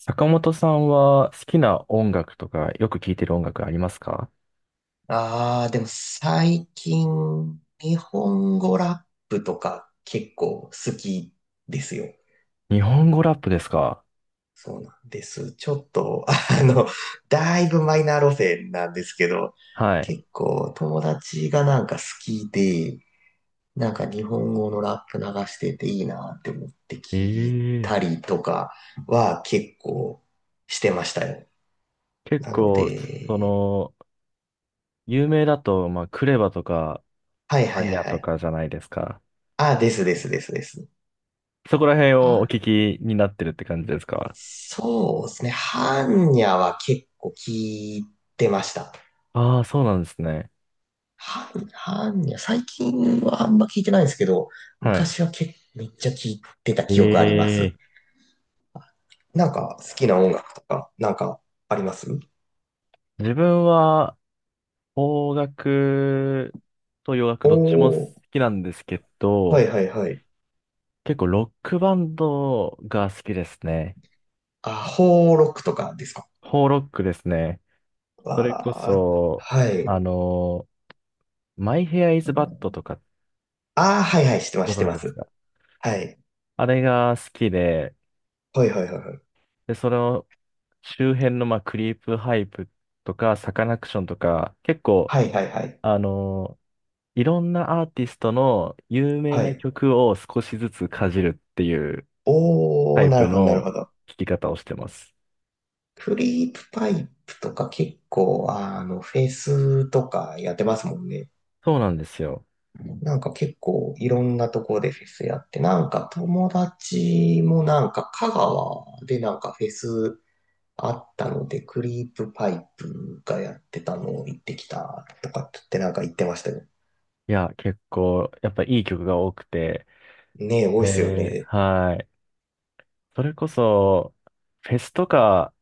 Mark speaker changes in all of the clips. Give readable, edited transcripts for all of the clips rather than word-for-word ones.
Speaker 1: 坂本さんは好きな音楽とかよく聴いてる音楽ありますか？
Speaker 2: ああ、でも最近、日本語ラップとか結構好きですよ。
Speaker 1: 日本語ラップですか？
Speaker 2: そうなんです。ちょっと、だいぶマイナー路線なんですけど、
Speaker 1: はい。
Speaker 2: 結構友達がなんか好きで、なんか日本語のラップ流してていいなって思って聞い
Speaker 1: え
Speaker 2: た
Speaker 1: え。
Speaker 2: りとかは結構してましたよ。
Speaker 1: 結
Speaker 2: なの
Speaker 1: 構、そ
Speaker 2: で、
Speaker 1: の、有名だと、クレバとか、
Speaker 2: はいは
Speaker 1: ア
Speaker 2: い
Speaker 1: ニ
Speaker 2: はい
Speaker 1: ャ
Speaker 2: は
Speaker 1: と
Speaker 2: い。
Speaker 1: かじゃないですか。
Speaker 2: あ、ですですですです。
Speaker 1: そこら辺をお
Speaker 2: は
Speaker 1: 聞きになってるって感じですか？
Speaker 2: そうですね。ハンニャは結構聞いてました。
Speaker 1: ああー、そうなんですね。
Speaker 2: 般般若、最近はあんま聞いてないんですけど、
Speaker 1: はい。
Speaker 2: 昔は結めっちゃ聞いてた記憶ありま
Speaker 1: え
Speaker 2: す。
Speaker 1: え。
Speaker 2: なんか好きな音楽とか、なんかあります？
Speaker 1: 自分は、邦楽と洋楽どっちも好
Speaker 2: おー、
Speaker 1: きなんですけ
Speaker 2: はい
Speaker 1: ど、
Speaker 2: はいはい。
Speaker 1: 結構ロックバンドが好きですね。
Speaker 2: あ、ホーロックとかですか？
Speaker 1: ホーロックですね。それこ
Speaker 2: わー、
Speaker 1: そ、
Speaker 2: はい。
Speaker 1: あの、マイヘアイズバッドとか、
Speaker 2: あー、はいはい、知ってま
Speaker 1: ご
Speaker 2: す、知って
Speaker 1: 存知
Speaker 2: ま
Speaker 1: です
Speaker 2: す。
Speaker 1: か？
Speaker 2: はい。
Speaker 1: あれが好きで、
Speaker 2: はいはいはいはい。
Speaker 1: で、その周辺の、クリープハイプとか、サカナクションとか、結構、
Speaker 2: はいはいはい。
Speaker 1: あの、いろんなアーティストの有名
Speaker 2: は
Speaker 1: な
Speaker 2: い。
Speaker 1: 曲を少しずつかじるっていうタ
Speaker 2: おー、
Speaker 1: イ
Speaker 2: な
Speaker 1: プ
Speaker 2: るほど、なるほ
Speaker 1: の
Speaker 2: ど。
Speaker 1: 聴き方をしてます。
Speaker 2: クリープパイプとか結構、フェスとかやってますもんね。
Speaker 1: そうなんですよ。
Speaker 2: なんか結構いろんなとこでフェスやって、なんか友達もなんか香川でなんかフェスあったので、クリープパイプがやってたのを行ってきたとかって言ってなんか言ってましたよ。
Speaker 1: いや、結構、やっぱいい曲が多くて、
Speaker 2: ねえ、多
Speaker 1: え
Speaker 2: いっすよ
Speaker 1: ー、
Speaker 2: ね。
Speaker 1: はい。それこそ、フェスとか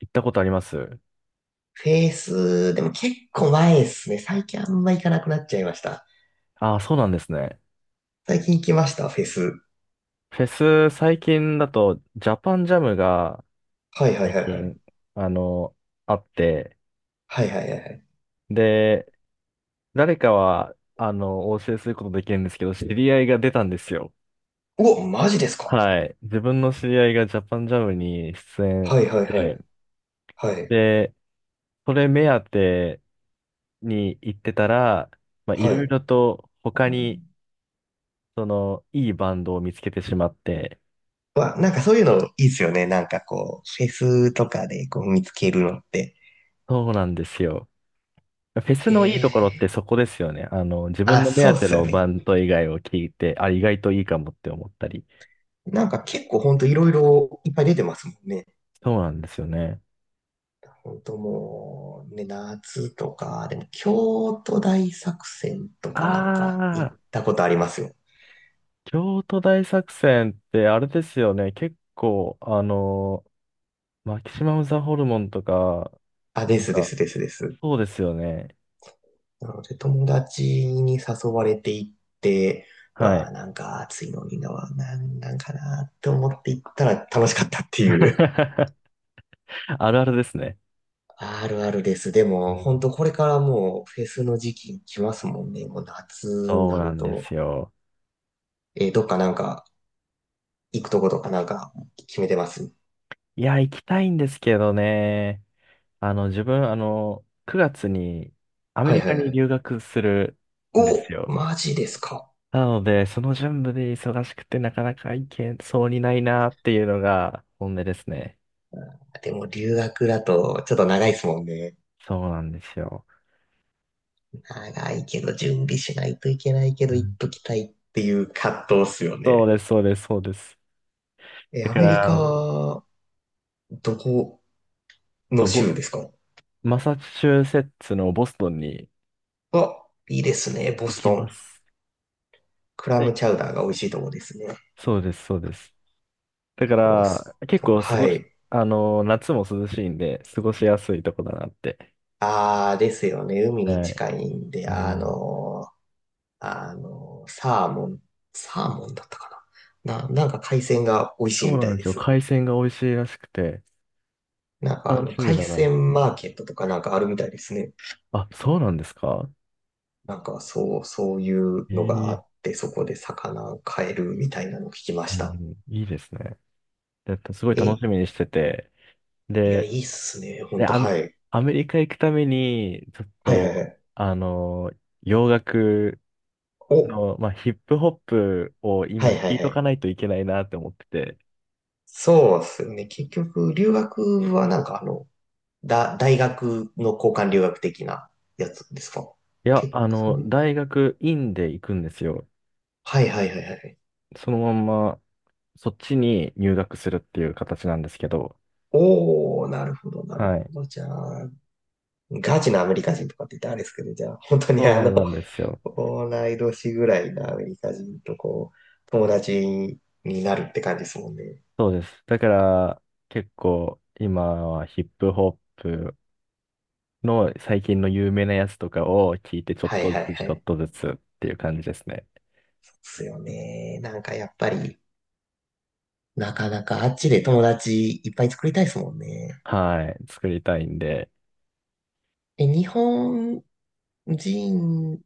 Speaker 1: 行ったことあります
Speaker 2: フェイス、でも結構前ですね。最近あんま行かなくなっちゃいました。
Speaker 1: ああー、そうなんですね。
Speaker 2: 最近行きました、フェス。
Speaker 1: フェス最近だと、ジャパンジャムが
Speaker 2: はいはい
Speaker 1: 最
Speaker 2: はいはい。
Speaker 1: 近、あの、あって、
Speaker 2: はいはいはいはい。
Speaker 1: で、誰かは、お教えすることできるんですけど、知り合いが出たんですよ。
Speaker 2: うお、マジですか？
Speaker 1: はい。自分の知り合いがジャパンジャムに出演
Speaker 2: はい
Speaker 1: し
Speaker 2: はいは
Speaker 1: て、
Speaker 2: い。はい。
Speaker 1: で、それ目当てに行ってたら、い
Speaker 2: は
Speaker 1: ろい
Speaker 2: い。
Speaker 1: ろと他に、いいバンドを見つけてしまって、
Speaker 2: まあ、なんかそういうのいいっすよね。なんかこう、フェスとかでこう見つけるのって。
Speaker 1: そうなんですよ。フェス
Speaker 2: え
Speaker 1: のいいところって
Speaker 2: え、
Speaker 1: そこですよね。あの、自分
Speaker 2: あ、
Speaker 1: の目
Speaker 2: そうっ
Speaker 1: 当て
Speaker 2: すよ
Speaker 1: の
Speaker 2: ね。
Speaker 1: バンド以外を聞いて、あ、意外といいかもって思ったり。
Speaker 2: なんか結構ほんといろいろいっぱい出てますもんね。
Speaker 1: そうなんですよね。
Speaker 2: ほんともう、ね、夏とか、でも京都大作戦とかなんか行
Speaker 1: あ
Speaker 2: っ
Speaker 1: あ、
Speaker 2: たことありますよ。
Speaker 1: 京都大作戦ってあれですよね。結構、マキシマムザホルモンとか、
Speaker 2: あ、で
Speaker 1: なん
Speaker 2: すで
Speaker 1: か、
Speaker 2: すですです。
Speaker 1: そうですよね。
Speaker 2: なので、友達に誘われていって、う
Speaker 1: は
Speaker 2: わ
Speaker 1: い。
Speaker 2: あ、なんか暑いのにな、なんなんかなって思って行ったら楽しかったっていう。
Speaker 1: あるあるですね。
Speaker 2: あるあるです。で
Speaker 1: う
Speaker 2: も、
Speaker 1: ん。
Speaker 2: 本当これからもうフェスの時期来ますもんね。もう夏に
Speaker 1: そう
Speaker 2: な
Speaker 1: な
Speaker 2: る
Speaker 1: んです
Speaker 2: と。
Speaker 1: よ。
Speaker 2: どっかなんか行くとことかなんか決めてます？
Speaker 1: いや、行きたいんですけどね。あの、自分、9月にアメ
Speaker 2: はい
Speaker 1: リ
Speaker 2: は
Speaker 1: カ
Speaker 2: いは
Speaker 1: に
Speaker 2: い。
Speaker 1: 留学するんです
Speaker 2: お、
Speaker 1: よ。
Speaker 2: マジですか。
Speaker 1: なので、その準備で忙しくてなかなか行けそうにないなっていうのが本音ですね。
Speaker 2: でも留学だとちょっと長いですもんね。
Speaker 1: そうなんですよ。
Speaker 2: 長いけど準備しないといけないけ
Speaker 1: う
Speaker 2: ど行っ
Speaker 1: ん。
Speaker 2: ときたいっていう葛藤っすよ
Speaker 1: そう
Speaker 2: ね。
Speaker 1: です、そうです、そうです。
Speaker 2: え、
Speaker 1: だ
Speaker 2: ア
Speaker 1: か
Speaker 2: メリカ、
Speaker 1: ら、
Speaker 2: どこの
Speaker 1: と
Speaker 2: 州
Speaker 1: ボ、
Speaker 2: ですか？
Speaker 1: マサチューセッツのボストンに
Speaker 2: あ、いいですね、ボ
Speaker 1: 行
Speaker 2: ス
Speaker 1: き
Speaker 2: ト
Speaker 1: ま
Speaker 2: ン。
Speaker 1: す。
Speaker 2: クラ
Speaker 1: は
Speaker 2: ム
Speaker 1: い。
Speaker 2: チャウダーが美味しいとこですね。
Speaker 1: そうです、そうです。だか
Speaker 2: ボス
Speaker 1: ら、結
Speaker 2: トン、
Speaker 1: 構過
Speaker 2: は
Speaker 1: ごし、
Speaker 2: い。
Speaker 1: 夏も涼しいんで、過ごしやすいとこだなって。
Speaker 2: あーですよね、海に
Speaker 1: はい。
Speaker 2: 近いんで、
Speaker 1: うん。
Speaker 2: サーモン、サーモンだったかな。なんか海鮮が美味しい
Speaker 1: そう
Speaker 2: みた
Speaker 1: なん
Speaker 2: い
Speaker 1: で
Speaker 2: で
Speaker 1: すよ。
Speaker 2: す。
Speaker 1: 海鮮が美味しいらしくて、
Speaker 2: なんか
Speaker 1: 楽しみ
Speaker 2: 海
Speaker 1: だな。
Speaker 2: 鮮マーケットとかなんかあるみたいですね。
Speaker 1: あ、そうなんですか？
Speaker 2: なんかそう、そういうのがあ
Speaker 1: え
Speaker 2: っ
Speaker 1: え。
Speaker 2: て、そこで魚買えるみたいなのを聞きま
Speaker 1: う
Speaker 2: し
Speaker 1: んう
Speaker 2: た。
Speaker 1: ん、いいですね。だってすごい楽
Speaker 2: え、
Speaker 1: しみにしてて。
Speaker 2: いや、
Speaker 1: で、
Speaker 2: いいっすね。ほん
Speaker 1: で、
Speaker 2: と、はい。
Speaker 1: アメリカ行くために、ちょっ
Speaker 2: はいはいは
Speaker 1: と、
Speaker 2: い。
Speaker 1: あの、洋楽
Speaker 2: お、
Speaker 1: の、ヒップホップを
Speaker 2: は
Speaker 1: 今
Speaker 2: いはい
Speaker 1: 聞い
Speaker 2: は
Speaker 1: と
Speaker 2: い。
Speaker 1: かないといけないなって思ってて。
Speaker 2: そうっすよね。結局、留学はなんか大学の交換留学的なやつですか？
Speaker 1: いや、
Speaker 2: 結構、
Speaker 1: 大学院で行くんですよ。
Speaker 2: はいはいはいはい。
Speaker 1: そのまんま、そっちに入学するっていう形なんですけど。
Speaker 2: おー、なるほど、なる
Speaker 1: は
Speaker 2: ほ
Speaker 1: い。
Speaker 2: ど。じゃあ、ガチなアメリカ人とかって言ったらあれですけど、じゃあ、本当に
Speaker 1: そうなんですよ。
Speaker 2: 同い年ぐらいのアメリカ人とこう、友達になるって感じですもんね。
Speaker 1: そうです。だから、結構、今はヒップホップの最近の有名なやつとかを聞いて、ちょっ
Speaker 2: はい
Speaker 1: と
Speaker 2: は
Speaker 1: ず
Speaker 2: い
Speaker 1: つ、
Speaker 2: は
Speaker 1: ちょっ
Speaker 2: い。
Speaker 1: とずつっていう感じですね。
Speaker 2: そうですよね。なんかやっぱり、なかなかあっちで友達いっぱい作りたいですもんね。
Speaker 1: はい。作りたいんで。
Speaker 2: え、日本人、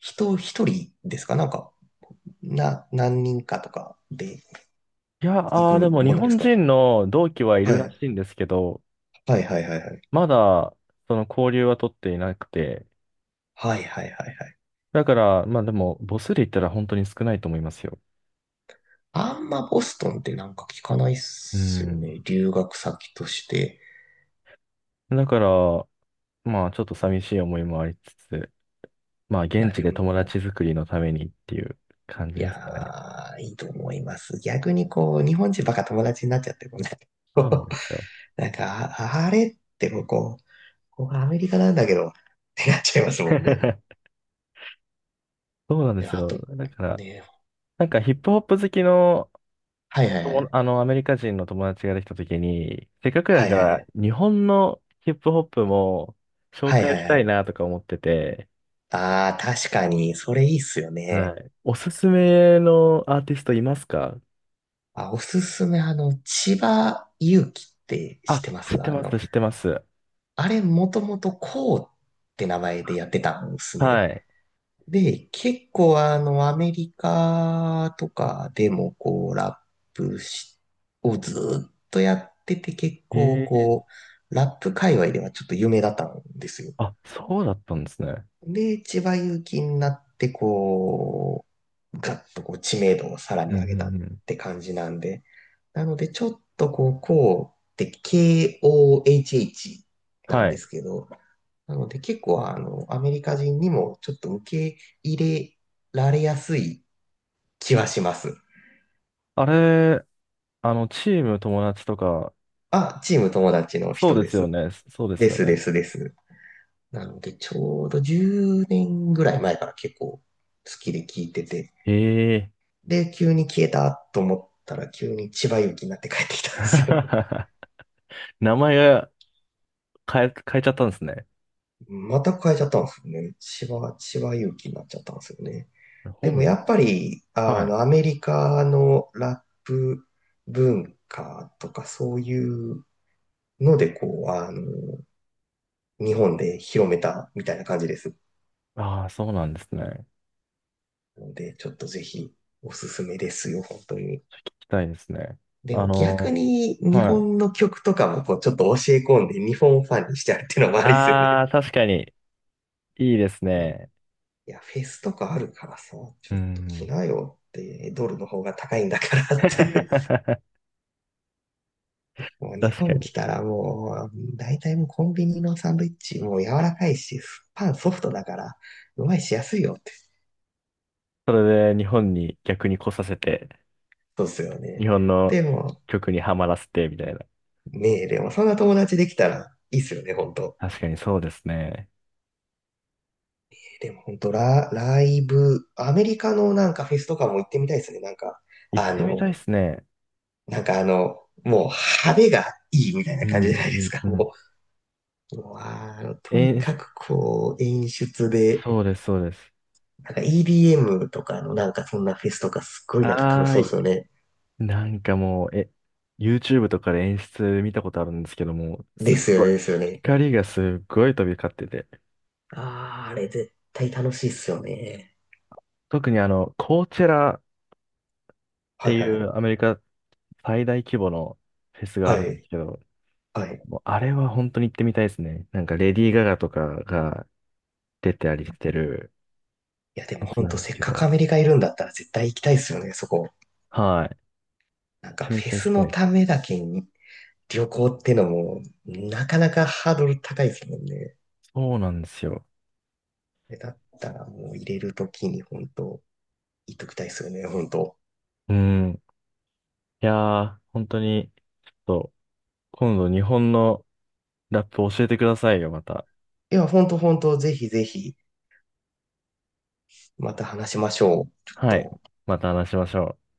Speaker 2: 人一人ですか？なんか、何人かとかで
Speaker 1: いや、
Speaker 2: 行く
Speaker 1: あーでも日
Speaker 2: もんなんです
Speaker 1: 本
Speaker 2: か？
Speaker 1: 人の同期はい
Speaker 2: は
Speaker 1: るら
Speaker 2: い。
Speaker 1: しいんですけど、
Speaker 2: はいはいはいはい。
Speaker 1: まだ、その交流は取っていなくて、
Speaker 2: はいはいはいはい。
Speaker 1: だから、まあでも、母数で言ったら本当に少ないと思いますよ。
Speaker 2: あんまボストンってなんか聞かないっ
Speaker 1: う
Speaker 2: すよ
Speaker 1: ん。
Speaker 2: ね。留学先として。
Speaker 1: だから、ちょっと寂しい思いもありつつ、まあ、
Speaker 2: いや、
Speaker 1: 現地
Speaker 2: で
Speaker 1: で友
Speaker 2: も、
Speaker 1: 達作りのためにっていう感
Speaker 2: い
Speaker 1: じ
Speaker 2: や
Speaker 1: ですかね。
Speaker 2: ー、いいと思います。逆にこう、日本人ばっか友達になっちゃってもね。
Speaker 1: そうなんですよ。
Speaker 2: なんか、あれってこう、ここがアメリカなんだけど、ってなっちゃいますもんね。
Speaker 1: そうなんで
Speaker 2: で
Speaker 1: す
Speaker 2: あ
Speaker 1: よ。
Speaker 2: と、
Speaker 1: だから、
Speaker 2: ね、
Speaker 1: なんかヒップホップ好きの、
Speaker 2: はいはいは
Speaker 1: 友
Speaker 2: い。
Speaker 1: あの、アメリカ人の友達ができたときに、せっかく
Speaker 2: は
Speaker 1: だ
Speaker 2: い
Speaker 1: か
Speaker 2: は
Speaker 1: ら、
Speaker 2: い。
Speaker 1: 日本のヒップホップも紹
Speaker 2: はいは
Speaker 1: 介
Speaker 2: い
Speaker 1: し
Speaker 2: は
Speaker 1: たい
Speaker 2: い。
Speaker 1: なとか思ってて、
Speaker 2: ああ、確かに、それいいっすよね。
Speaker 1: はい。おすすめのアーティストいますか？
Speaker 2: あ、おすすめ、千葉祐希って知っ
Speaker 1: あ、
Speaker 2: てま
Speaker 1: 知っ
Speaker 2: す？
Speaker 1: て
Speaker 2: あ
Speaker 1: ます、
Speaker 2: の、
Speaker 1: 知ってます。
Speaker 2: あれ、もともとこうって名前でやってたんですね。
Speaker 1: はい。
Speaker 2: で、結構アメリカとかでもこう、ラップしをずーっとやってて結構
Speaker 1: へえ。
Speaker 2: こう、ラップ界隈ではちょっと有名だったんですよ。
Speaker 1: あ、そうだったんですね。
Speaker 2: で、千葉祐希になって、こう、ガッとこう知名度をさら
Speaker 1: うん
Speaker 2: に
Speaker 1: う
Speaker 2: 上げたっ
Speaker 1: んうん。
Speaker 2: て感じなんで、なので、ちょっとこう、こうって KOHH な
Speaker 1: は
Speaker 2: んで
Speaker 1: い。
Speaker 2: すけど、なので結構アメリカ人にもちょっと受け入れられやすい気はします。
Speaker 1: あれ、チーム友達とか、
Speaker 2: あ、チーム友達の
Speaker 1: そう
Speaker 2: 人
Speaker 1: で
Speaker 2: で
Speaker 1: すよ
Speaker 2: す。
Speaker 1: ね。そうです
Speaker 2: で
Speaker 1: よ
Speaker 2: すで
Speaker 1: ね。
Speaker 2: すです。なので、ちょうど10年ぐらい前から結構好きで聞いてて、
Speaker 1: へえ。
Speaker 2: で、急に消えたと思ったら、急に千葉勇気になって帰ってきたんですよ。
Speaker 1: 名前が変えちゃったんですね。
Speaker 2: また変えちゃったんですよね。千葉勇気になっちゃったんですよね。で
Speaker 1: 本
Speaker 2: もや
Speaker 1: 名。
Speaker 2: っぱり、
Speaker 1: はい。
Speaker 2: アメリカのラップ文化とかそういうので、こう、日本で広めたみたいな感じです。
Speaker 1: ああ、そうなんですね。聞
Speaker 2: ので、ちょっとぜひおすすめですよ、本当に。
Speaker 1: きたいですね。
Speaker 2: で
Speaker 1: あ
Speaker 2: も逆
Speaker 1: の、
Speaker 2: に日
Speaker 1: はい。
Speaker 2: 本の曲とかもこうちょっと教え込んで日本ファンにしちゃうっていうのもありですよね。
Speaker 1: ああ、確かに、いいですね。
Speaker 2: いや、フェスとかあるからさ、
Speaker 1: う
Speaker 2: ちょっと着
Speaker 1: ん。
Speaker 2: なよって、ドルの方が高いんだから って。もう日
Speaker 1: 確か
Speaker 2: 本
Speaker 1: に。
Speaker 2: 来たらもう、大体もうコンビニのサンドイッチ、もう柔らかいし、パンソフトだから、うまいしやすいよって。
Speaker 1: それで日本に逆に来させて、
Speaker 2: そうっすよ
Speaker 1: 日
Speaker 2: ね。
Speaker 1: 本の
Speaker 2: でも、
Speaker 1: 曲にはまらせて、みたいな。
Speaker 2: ねえ、でもそんな友達できたらいいっすよね、ほんと。
Speaker 1: 確かにそうですね。
Speaker 2: でもほんと、ライブ、アメリカのなんかフェスとかも行ってみたいですね。なんか、
Speaker 1: 行っ
Speaker 2: あ
Speaker 1: てみた
Speaker 2: の、
Speaker 1: いですね。
Speaker 2: なんかあの、もう派手がいいみたい
Speaker 1: う
Speaker 2: な感じ
Speaker 1: んう
Speaker 2: じゃないです
Speaker 1: ん
Speaker 2: か。
Speaker 1: うんうん。
Speaker 2: もうと
Speaker 1: え
Speaker 2: にか
Speaker 1: ー、
Speaker 2: くこう、演出で、
Speaker 1: そうです、そうです。
Speaker 2: なんか EDM とかのなんかそんなフェスとかすっごいなんか楽し
Speaker 1: あー
Speaker 2: そうです
Speaker 1: い。
Speaker 2: よね。
Speaker 1: なんかもう、YouTube とかで演出見たことあるんですけども、す
Speaker 2: で
Speaker 1: っ
Speaker 2: すよ
Speaker 1: ご
Speaker 2: ね、
Speaker 1: い、
Speaker 2: ですよね。
Speaker 1: 光がすっごい飛び交ってて、
Speaker 2: ああ、あれ絶対楽しいっすよね。
Speaker 1: 特にあの、コーチェラっ
Speaker 2: は
Speaker 1: て
Speaker 2: い
Speaker 1: い
Speaker 2: は
Speaker 1: う
Speaker 2: い。
Speaker 1: アメリカ最大規模のフェスが
Speaker 2: は
Speaker 1: あるんで
Speaker 2: い。
Speaker 1: すけど、
Speaker 2: はい。
Speaker 1: もうあれは本当に行ってみたいですね。なんかレディー・ガガとかが出てたりしてる
Speaker 2: いやで
Speaker 1: フ
Speaker 2: も
Speaker 1: ェス
Speaker 2: ほん
Speaker 1: なん
Speaker 2: と
Speaker 1: です
Speaker 2: せっ
Speaker 1: け
Speaker 2: かく
Speaker 1: ど、
Speaker 2: アメリカいるんだったら絶対行きたいっすよね、そこ。
Speaker 1: は
Speaker 2: なんか
Speaker 1: い。め
Speaker 2: フェ
Speaker 1: ちゃめちゃ行
Speaker 2: ス
Speaker 1: きた
Speaker 2: の
Speaker 1: いで
Speaker 2: た
Speaker 1: す。
Speaker 2: めだけに旅行ってのもなかなかハードル高いですもんね。
Speaker 1: そうなんですよ。
Speaker 2: だったらもう入れるときに本当言っときたいっすよね、本当。
Speaker 1: うん。いやー、本当に、そう、今度日本のラップ教えてくださいよ、また。
Speaker 2: いやほんとほんと、本当本当ぜひぜひ。また話しましょう。ちょっ
Speaker 1: はい。
Speaker 2: と。
Speaker 1: また話しましょう。